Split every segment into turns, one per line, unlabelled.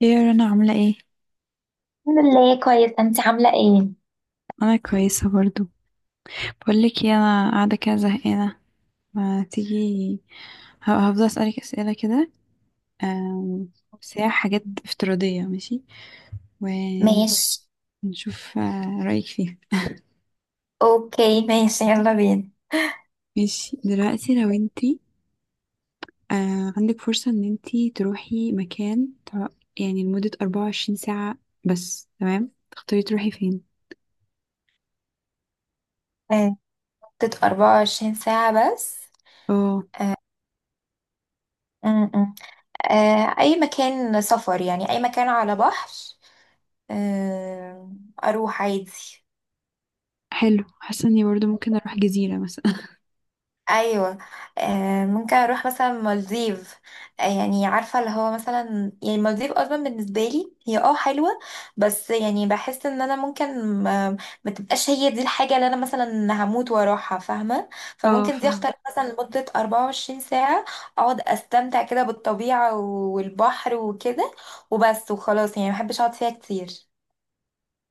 يا رنا عاملة ايه؟
الحمد لله كويس. انت عاملة ايه؟
أنا كويسة برضو. بقولك ايه، أنا قاعدة كده زهقانة، ما تيجي هفضل أسألك أسئلة كده. آم، بس هي حاجات افتراضية، ماشي ونشوف
ماشي.
رأيك فيها.
اوكي ماشي، يلا بينا.
ماشي، دلوقتي لو انتي عندك فرصة ان انتي تروحي مكان يعني لمدة 24 ساعة بس، تمام، تختاري تروحي فين؟
آه، مدة 24 ساعة بس.
اه
م- م. اي مكان سفر، يعني اي مكان على بحر. آه، اروح عادي.
حلو، حاسة اني برضو ممكن اروح جزيرة مثلا.
ايوه، ممكن اروح مثلا مالديف. آه يعني عارفه اللي هو مثلا يعني مالديف اصلا بالنسبه لي هي اه حلوه، بس يعني بحس ان انا ممكن ما تبقاش هي دي الحاجه اللي انا مثلا هموت واروحها، فاهمه؟
اه
فممكن دي
فاهمة.
اختار مثلا لمده 24 ساعه، اقعد استمتع كده بالطبيعه والبحر وكده، وبس وخلاص يعني ما بحبش اقعد فيها كتير.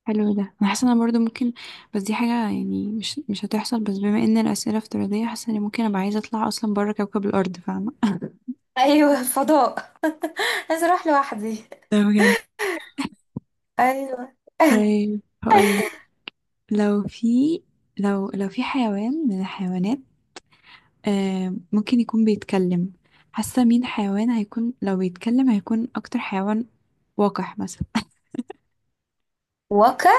حلو، ده انا حاسه انا برضو ممكن، بس دي حاجه يعني مش هتحصل، بس بما ان الاسئله افتراضيه حاسه اني ممكن ابقى عايزه اطلع اصلا بره كوكب الارض، فاهمه.
ايوه، فضاء. عايزه اروح لوحدي.
ده بجد.
ايوه.
طيب هقولك، لو في، لو في حيوان من الحيوانات آه ممكن يكون بيتكلم، حاسه مين حيوان هيكون لو بيتكلم، هيكون اكتر حيوان وقح مثلا؟
واقع.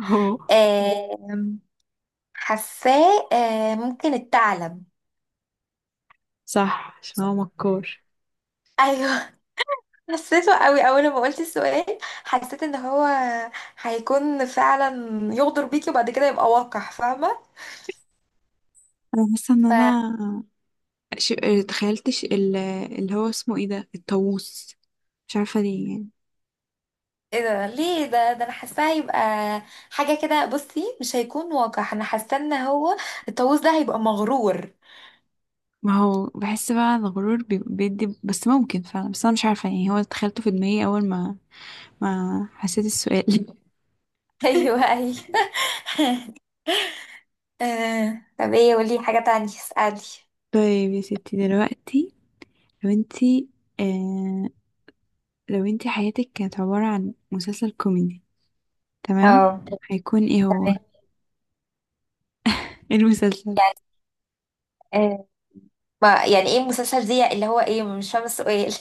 هو
آه حاساه ممكن الثعلب.
صح، عشان هو مكار.
ايوه. حسيته قوي اول ما قلت السؤال، حسيت ان هو هيكون فعلا يغدر بيكي وبعد كده يبقى واقع، فاهمه؟
انا حاسه ان
ف
انا ش... تخيلتش ال- اللي هو اسمه ايه ده الطاووس، مش عارفه ليه يعني.
ايه ده؟ ليه ده انا حاساه هيبقى حاجه كده. بصي مش هيكون واقع، انا حاسه ان هو الطاووس ده هيبقى مغرور.
ما هو بحس بقى الغرور بيدي، بس ممكن فعلا، بس انا مش عارفه يعني هو تخيلته في دماغي اول ما ما حسيت السؤال.
ايوه ايوه. طب ايه؟ قولي حاجه تانية، اسالي.
طيب يا ستي دلوقتي، لو انتي آه لو انتي حياتك كانت عبارة عن مسلسل كوميدي، تمام،
اه،
هيكون ايه هو؟
تمام.
إيه المسلسل؟
يعني آه، ما يعني ايه المسلسل دي اللي هو ايه؟ مش فاهمه السؤال.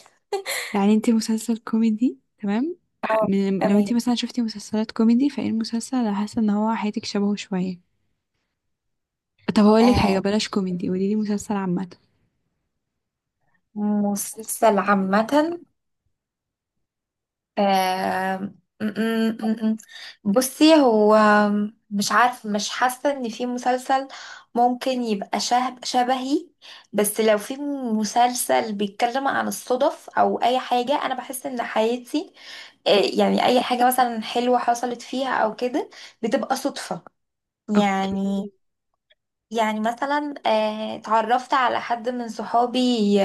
يعني انتي مسلسل كوميدي، تمام،
اه،
لو
تمام.
انتي مثلا شفتي مسلسلات كوميدي، فايه المسلسل اللي حاسة ان هو حياتك شبهه شوية؟ طب هقولك حاجة،
آه،
بلاش كوميدي، قوليلي مسلسل عامة.
مسلسل عامة. آه م- م- م- م. بصي، هو مش عارف، مش حاسة ان في مسلسل ممكن يبقى شبه شبهي. بس لو في مسلسل بيتكلم عن الصدف او اي حاجة، انا بحس ان حياتي، يعني اي حاجة مثلا حلوة حصلت فيها او كده، بتبقى صدفة
اوكي.
يعني. يعني مثلا اتعرفت على حد من صحابي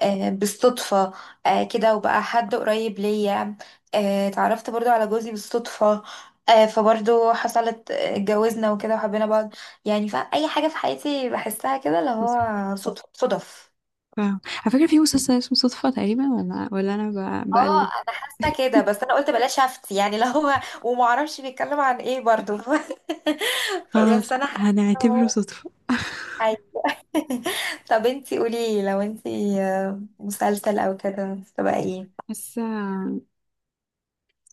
بالصدفة. كده، وبقى حد قريب ليا. اتعرفت برضو على جوزي بالصدفة، فبرضو حصلت اتجوزنا وكده وحبينا بعض يعني. فأي حاجة في حياتي بحسها كده اللي هو صدف صدف.
فاهم، على فكرة في مسلسل اسمه صدفة تقريبا، ولا أنا
اه
بقلب.
انا حاسه كده، بس انا قلت بلاش افتي يعني اللي هو ومعرفش بيتكلم عن ايه برضو. فبس
خلاص
انا حاسه إن
هنعتبره
هو.
صدفة.
طب انتي قولي لو انتي مسلسل او كده تبقى ايه؟
حاسة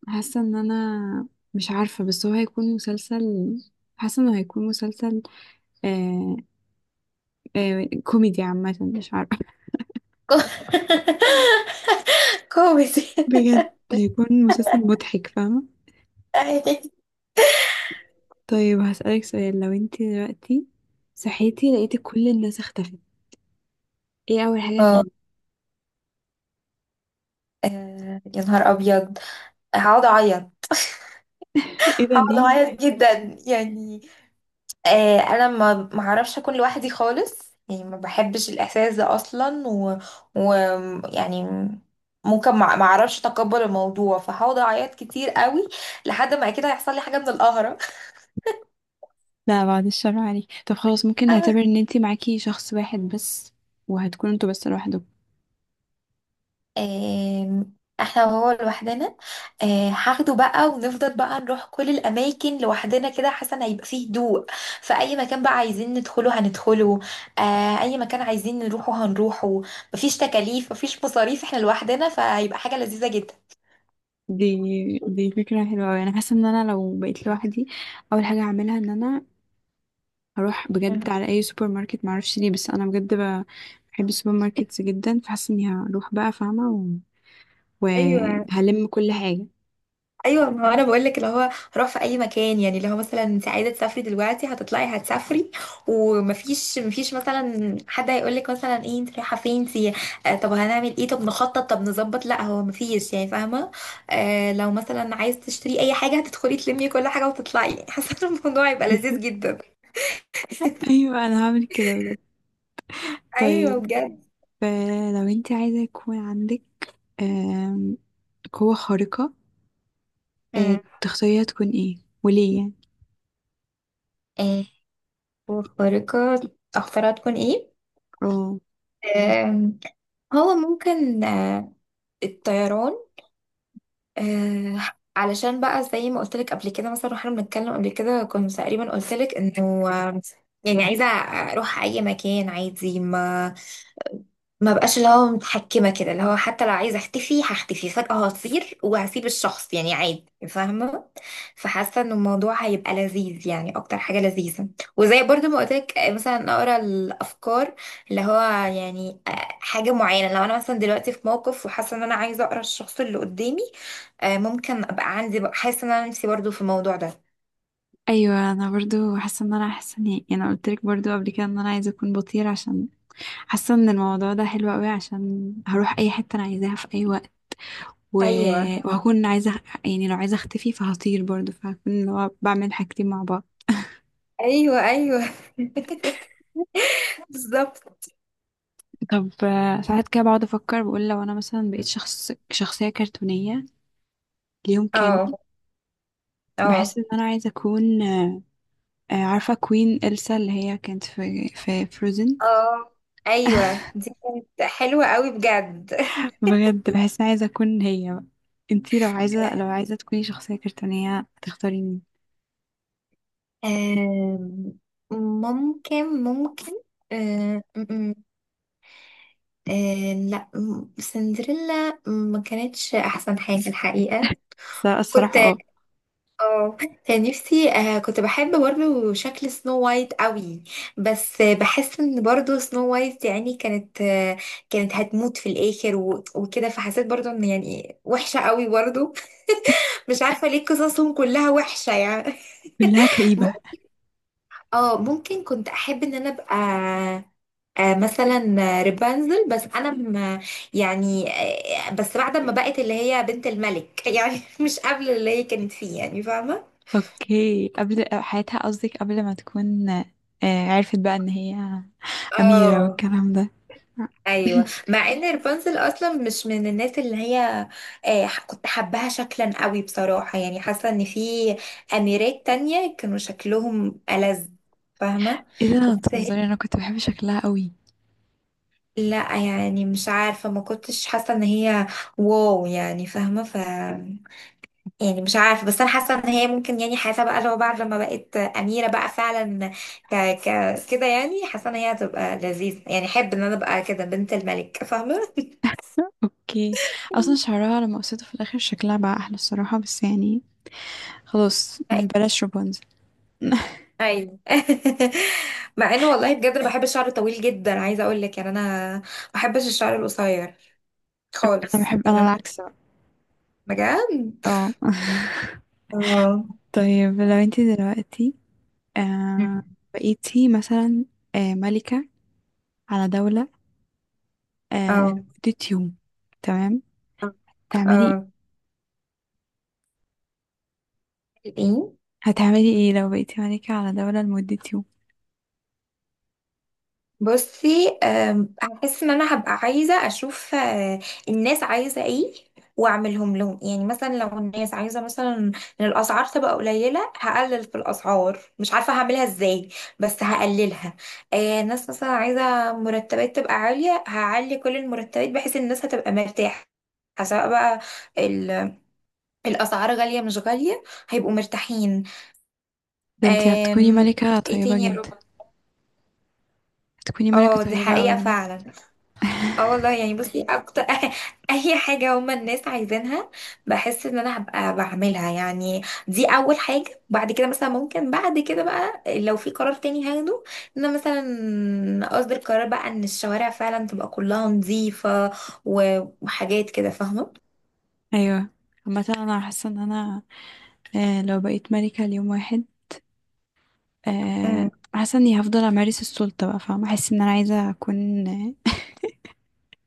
حاسة إن أنا مش عارفة، بس هو هيكون مسلسل، حاسة إنه هيكون مسلسل آه آه كوميدي عامة، مش عارفة.
كو- كوميدي.
بجد هيكون مسلسل مضحك، فاهمة؟ طيب هسألك سؤال، لو انتي دلوقتي صحيتي لقيتي كل الناس اختفت، ايه أول حاجة
اه.
هتعملي؟
يا نهار ابيض. هقعد اعيط.
ايه ده
هقعد
ليه؟
اعيط جدا يعني. انا ما اعرفش اكون لوحدي خالص، يعني ما بحبش الاحساس ده اصلا، و يعني ممكن ما اعرفش اتقبل الموضوع، فهقعد اعيط كتير قوي لحد ما اكيد هيحصل لي حاجه من القهره.
لا بعد الشر عليك. طب خلاص ممكن نعتبر ان انتي معاكي شخص واحد بس، وهتكونوا انتوا بس لوحدكم.
آم، احنا وهو لوحدنا. هاخده بقى ونفضل بقى نروح كل الاماكن لوحدنا كده، حسن هيبقى فيه هدوء. فاي مكان بقى عايزين ندخله هندخله، اي مكان عايزين نروحه هنروحه. مفيش تكاليف، مفيش مصاريف، احنا لوحدنا، فهيبقى حاجة لذيذة جدا.
دي فكرة حلوة اوي. انا حاسة ان انا لو بقيت لوحدي اول حاجة هعملها ان انا هروح
مم.
بجد على اي سوبر ماركت، معرفش ليه بس انا بجد بحب السوبر ماركتس جدا، فحاسة اني هروح بقى فاهمة،
ايوه
وهلم كل حاجة.
ايوه، ما هو انا بقول لك اللي هو روح في اي مكان، يعني اللي هو مثلا انت عايزه تسافري دلوقتي هتطلعي هتسافري، ومفيش مفيش مثلا حد هيقول لك مثلا ايه، انت رايحه فين انت؟ آه طب هنعمل ايه؟ طب نخطط، طب نظبط. لا هو مفيش يعني، فاهمه؟ آه لو مثلا عايز تشتري اي حاجه هتدخلي تلمي كل حاجه وتطلعي. يعني حاسه إن الموضوع يبقى
فكرة.
لذيذ جدا.
ايوه انا هعمل كده بجد.
ايوه
طيب
بجد.
لو انتي عايزة يكون عندك آم، قوة خارقة،
امم.
تختاريها تكون ايه وليه يعني؟
ايه وخارقه؟ اختارها تكون ايه؟
اه
آم، هو ممكن الطيران. آه، علشان بقى زي ما قلت لك قبل كده، مثلا واحنا بنتكلم قبل كده كنت تقريبا قلت لك انه يعني عايزه اروح اي مكان عادي، ما بقاش اللي هو متحكمه كده، اللي هو حتى لو عايزه اختفي هختفي فجاه، هطير وهسيب الشخص يعني عادي، فاهمه؟ فحاسه ان الموضوع هيبقى لذيذ، يعني اكتر حاجه لذيذه. وزي برضو ما قلت لك مثلا اقرا الافكار، اللي هو يعني حاجه معينه، لو انا مثلا دلوقتي في موقف وحاسه ان انا عايزه اقرا الشخص اللي قدامي، ممكن ابقى عندي بقى، حاسه ان انا نفسي برضو في الموضوع ده.
ايوه انا برضو حاسه ان انا حاسه اني يعني، انا قلت لك برضو قبل كده ان انا عايزه اكون بطير، عشان حاسه ان الموضوع ده حلو قوي، عشان هروح اي حته انا عايزاها في اي وقت، و...
ايوه
وهكون عايزه يعني لو عايزه اختفي فهطير برضو، فهكون اللي هو بعمل حاجتين مع بعض.
ايوه ايوه. بالظبط.
طب ساعات كده بقعد افكر، بقول لو انا مثلا بقيت شخص شخصيه كرتونيه ليوم
اه
كامل، بحس
اه
ان انا عايزه اكون عارفه كوين إلسا اللي هي كانت في فروزن.
اه. ايوه دي كانت حلوه قوي بجد.
بجد بحس عايزة أكون هي بقى. انتي لو عايزة، لو عايزة تكوني شخصية كرتونية هتختاري مين؟
آم، ممكن ممكن آه، م- م- آه، لا م- سندريلا ما كانتش احسن حاجه الحقيقه.
بس أنا
كنت
الصراحة اه
اه، كان نفسي آه، كنت بحب برضو شكل سنو وايت قوي، بس بحس ان برضو سنو وايت يعني كانت آه كانت هتموت في الاخر وكده، فحسيت برضو ان يعني وحشة قوي برضو. مش عارفة ليه قصصهم كلها وحشة يعني.
كلها كئيبة.
مم- اه ممكن كنت احب ان انا ابقى آه مثلا رابنزل، يعني آه بس بعد ما بقت اللي هي بنت الملك، يعني مش قبل اللي هي كانت فيه، يعني فاهمة؟
اوكي قبل حياتها، قصدك قبل ما تكون عرفت بقى ان هي أميرة
اه
والكلام ده.
ايوه، مع ان رابنزل اصلا مش من الناس اللي هي كنت حباها شكلا قوي بصراحه، يعني حاسه ان في اميرات تانية كانوا شكلهم ألذ، فاهمه؟
ايه ده
بس هي،
بتهزري، انا كنت بحب شكلها قوي.
لا يعني مش عارفه، ما كنتش حاسه ان هي واو يعني، فاهمه؟ يعني مش عارفه، بس انا حاسه ان هي ممكن يعني، حاسه بقى لو بعد لما بقت اميره بقى فعلا ك ك كده، يعني حاسه ان هي هتبقى لذيذه، يعني احب ان انا ابقى كده بنت الملك،
اوكي اصلا
فاهمه؟
شعرها لما قصيته في الاخر شكلها بقى احلى الصراحة، بس يعني خلاص بلاش رابنزل.
ايوه. مع انه والله بجد أنا بحب الشعر الطويل جدا، عايزه اقول لك يعني انا ما بحبش الشعر القصير
انا
خالص،
بحب،
يعني
انا
انا
العكس بقى.
بجد.
اه
اه.
طيب لو انتي دلوقتي آه
مم.
بقيتي مثلا آه ملكة على دولة آه
اه
لمدة يوم، تمام، تعملي ايه؟
اه.
هتعملي ايه لو بقيتي ملكة على دولة لمدة يوم؟
بصي أم، هحس ان انا هبقى عايزه اشوف الناس عايزه ايه، واعملهم لهم يعني. مثلا لو الناس عايزه مثلا ان الاسعار تبقى قليله، هقلل في الاسعار، مش عارفه هعملها ازاي بس هقللها. ناس مثلا عايزه مرتبات تبقى عاليه، هعلي كل المرتبات بحيث الناس هتبقى مرتاحه، سواء بقى ال- الاسعار غاليه مش غاليه هيبقوا مرتاحين.
ده انتي هتكوني
آم،
ملكة
ايه
طيبة
تاني يا رب.
جدا. هتكوني ملكة
اه دي
طيبة قوي
حقيقه
بجد.
فعلا. اه والله يعني بصي، اكتر اي حاجة هما الناس عايزينها بحس ان انا هبقى بعملها يعني. دي اول حاجة. بعد كده مثلا ممكن بعد كده بقى لو في قرار تاني هاخده، ان انا مثلا اصدر قرار بقى ان الشوارع فعلا تبقى كلها نظيفة وحاجات كده، فاهمة؟
ايوه. عامة انا حاسة ان انا آه لو بقيت ملكة ليوم واحد آه
مم.
حاسة اني هفضل امارس السلطة بقى، فاهمة؟ احس ان انا عايزة اكون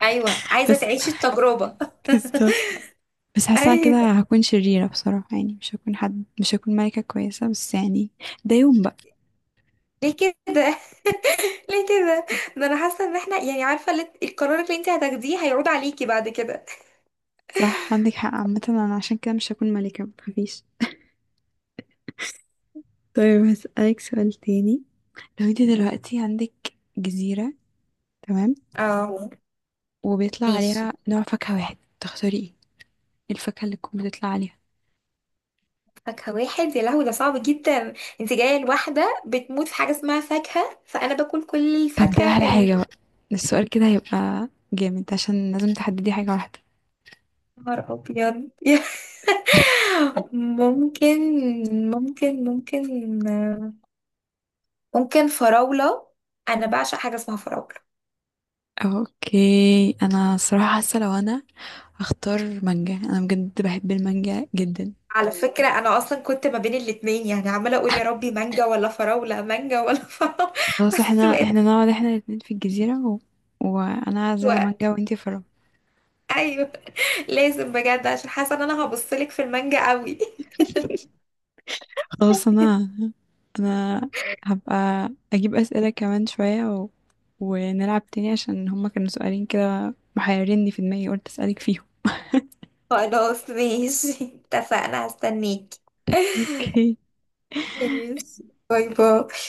ايوه، عايزة
بس.
تعيشي التجربة.
بالظبط. بس حاسة أنا
ايوه.
كده هكون شريرة بصراحة، يعني مش هكون حد، مش هكون ملكة كويسة، بس يعني ده يوم بقى.
ليه كده؟ ليه كده؟ ده انا حاسة ان احنا يعني، عارفة القرار اللي انت هتاخديه هيعود عليكي بعد كده.
صح عندك حق، عامة انا عشان كده مش هكون ملكة، متخافيش. طيب هسألك سؤال تاني، لو انت دلوقتي عندك جزيرة، تمام،
اه
وبيطلع
ماشي.
عليها نوع فاكهة واحد، تختاري ايه؟ إيه الفاكهة اللي تكون بتطلع عليها؟
فاكهة واحد؟ يا لهوي ده صعب جدا. انت جاية لواحدة بتموت في حاجة اسمها فاكهة، فأنا باكل كل
طب دي احلى
الفاكهة اللي.
حاجة بقى، السؤال كده هيبقى جامد عشان لازم تحددي حاجة واحدة.
نهار أبيض. ممكن، ممكن ممكن ممكن فراولة. أنا بعشق حاجة اسمها فراولة.
اوكي انا صراحة حاسة لو انا هختار مانجا، انا بجد بحب المانجا جدا.
على فكرة أنا أصلا كنت ما بين الاتنين، يعني عمالة أقول يا ربي مانجا ولا فراولة، مانجا ولا فراولة.
خلاص احنا
بس بقيت
احنا نقعد احنا الاتنين في الجزيرة وانا هزرع
أسوأ.
مانجا وانتي فرع.
أيوه لازم بجد، عشان حاسة إن أنا هبصلك في المانجا قوي.
خلاص انا، انا هبقى اجيب اسئله كمان شويه ونلعب تاني عشان هما كانوا سؤالين كده محيريني في دماغي، قلت اسالك فيهم.
خلاص ماشي، اتفقنا، هستنيك.
اوكي.
ماشي، باي باي.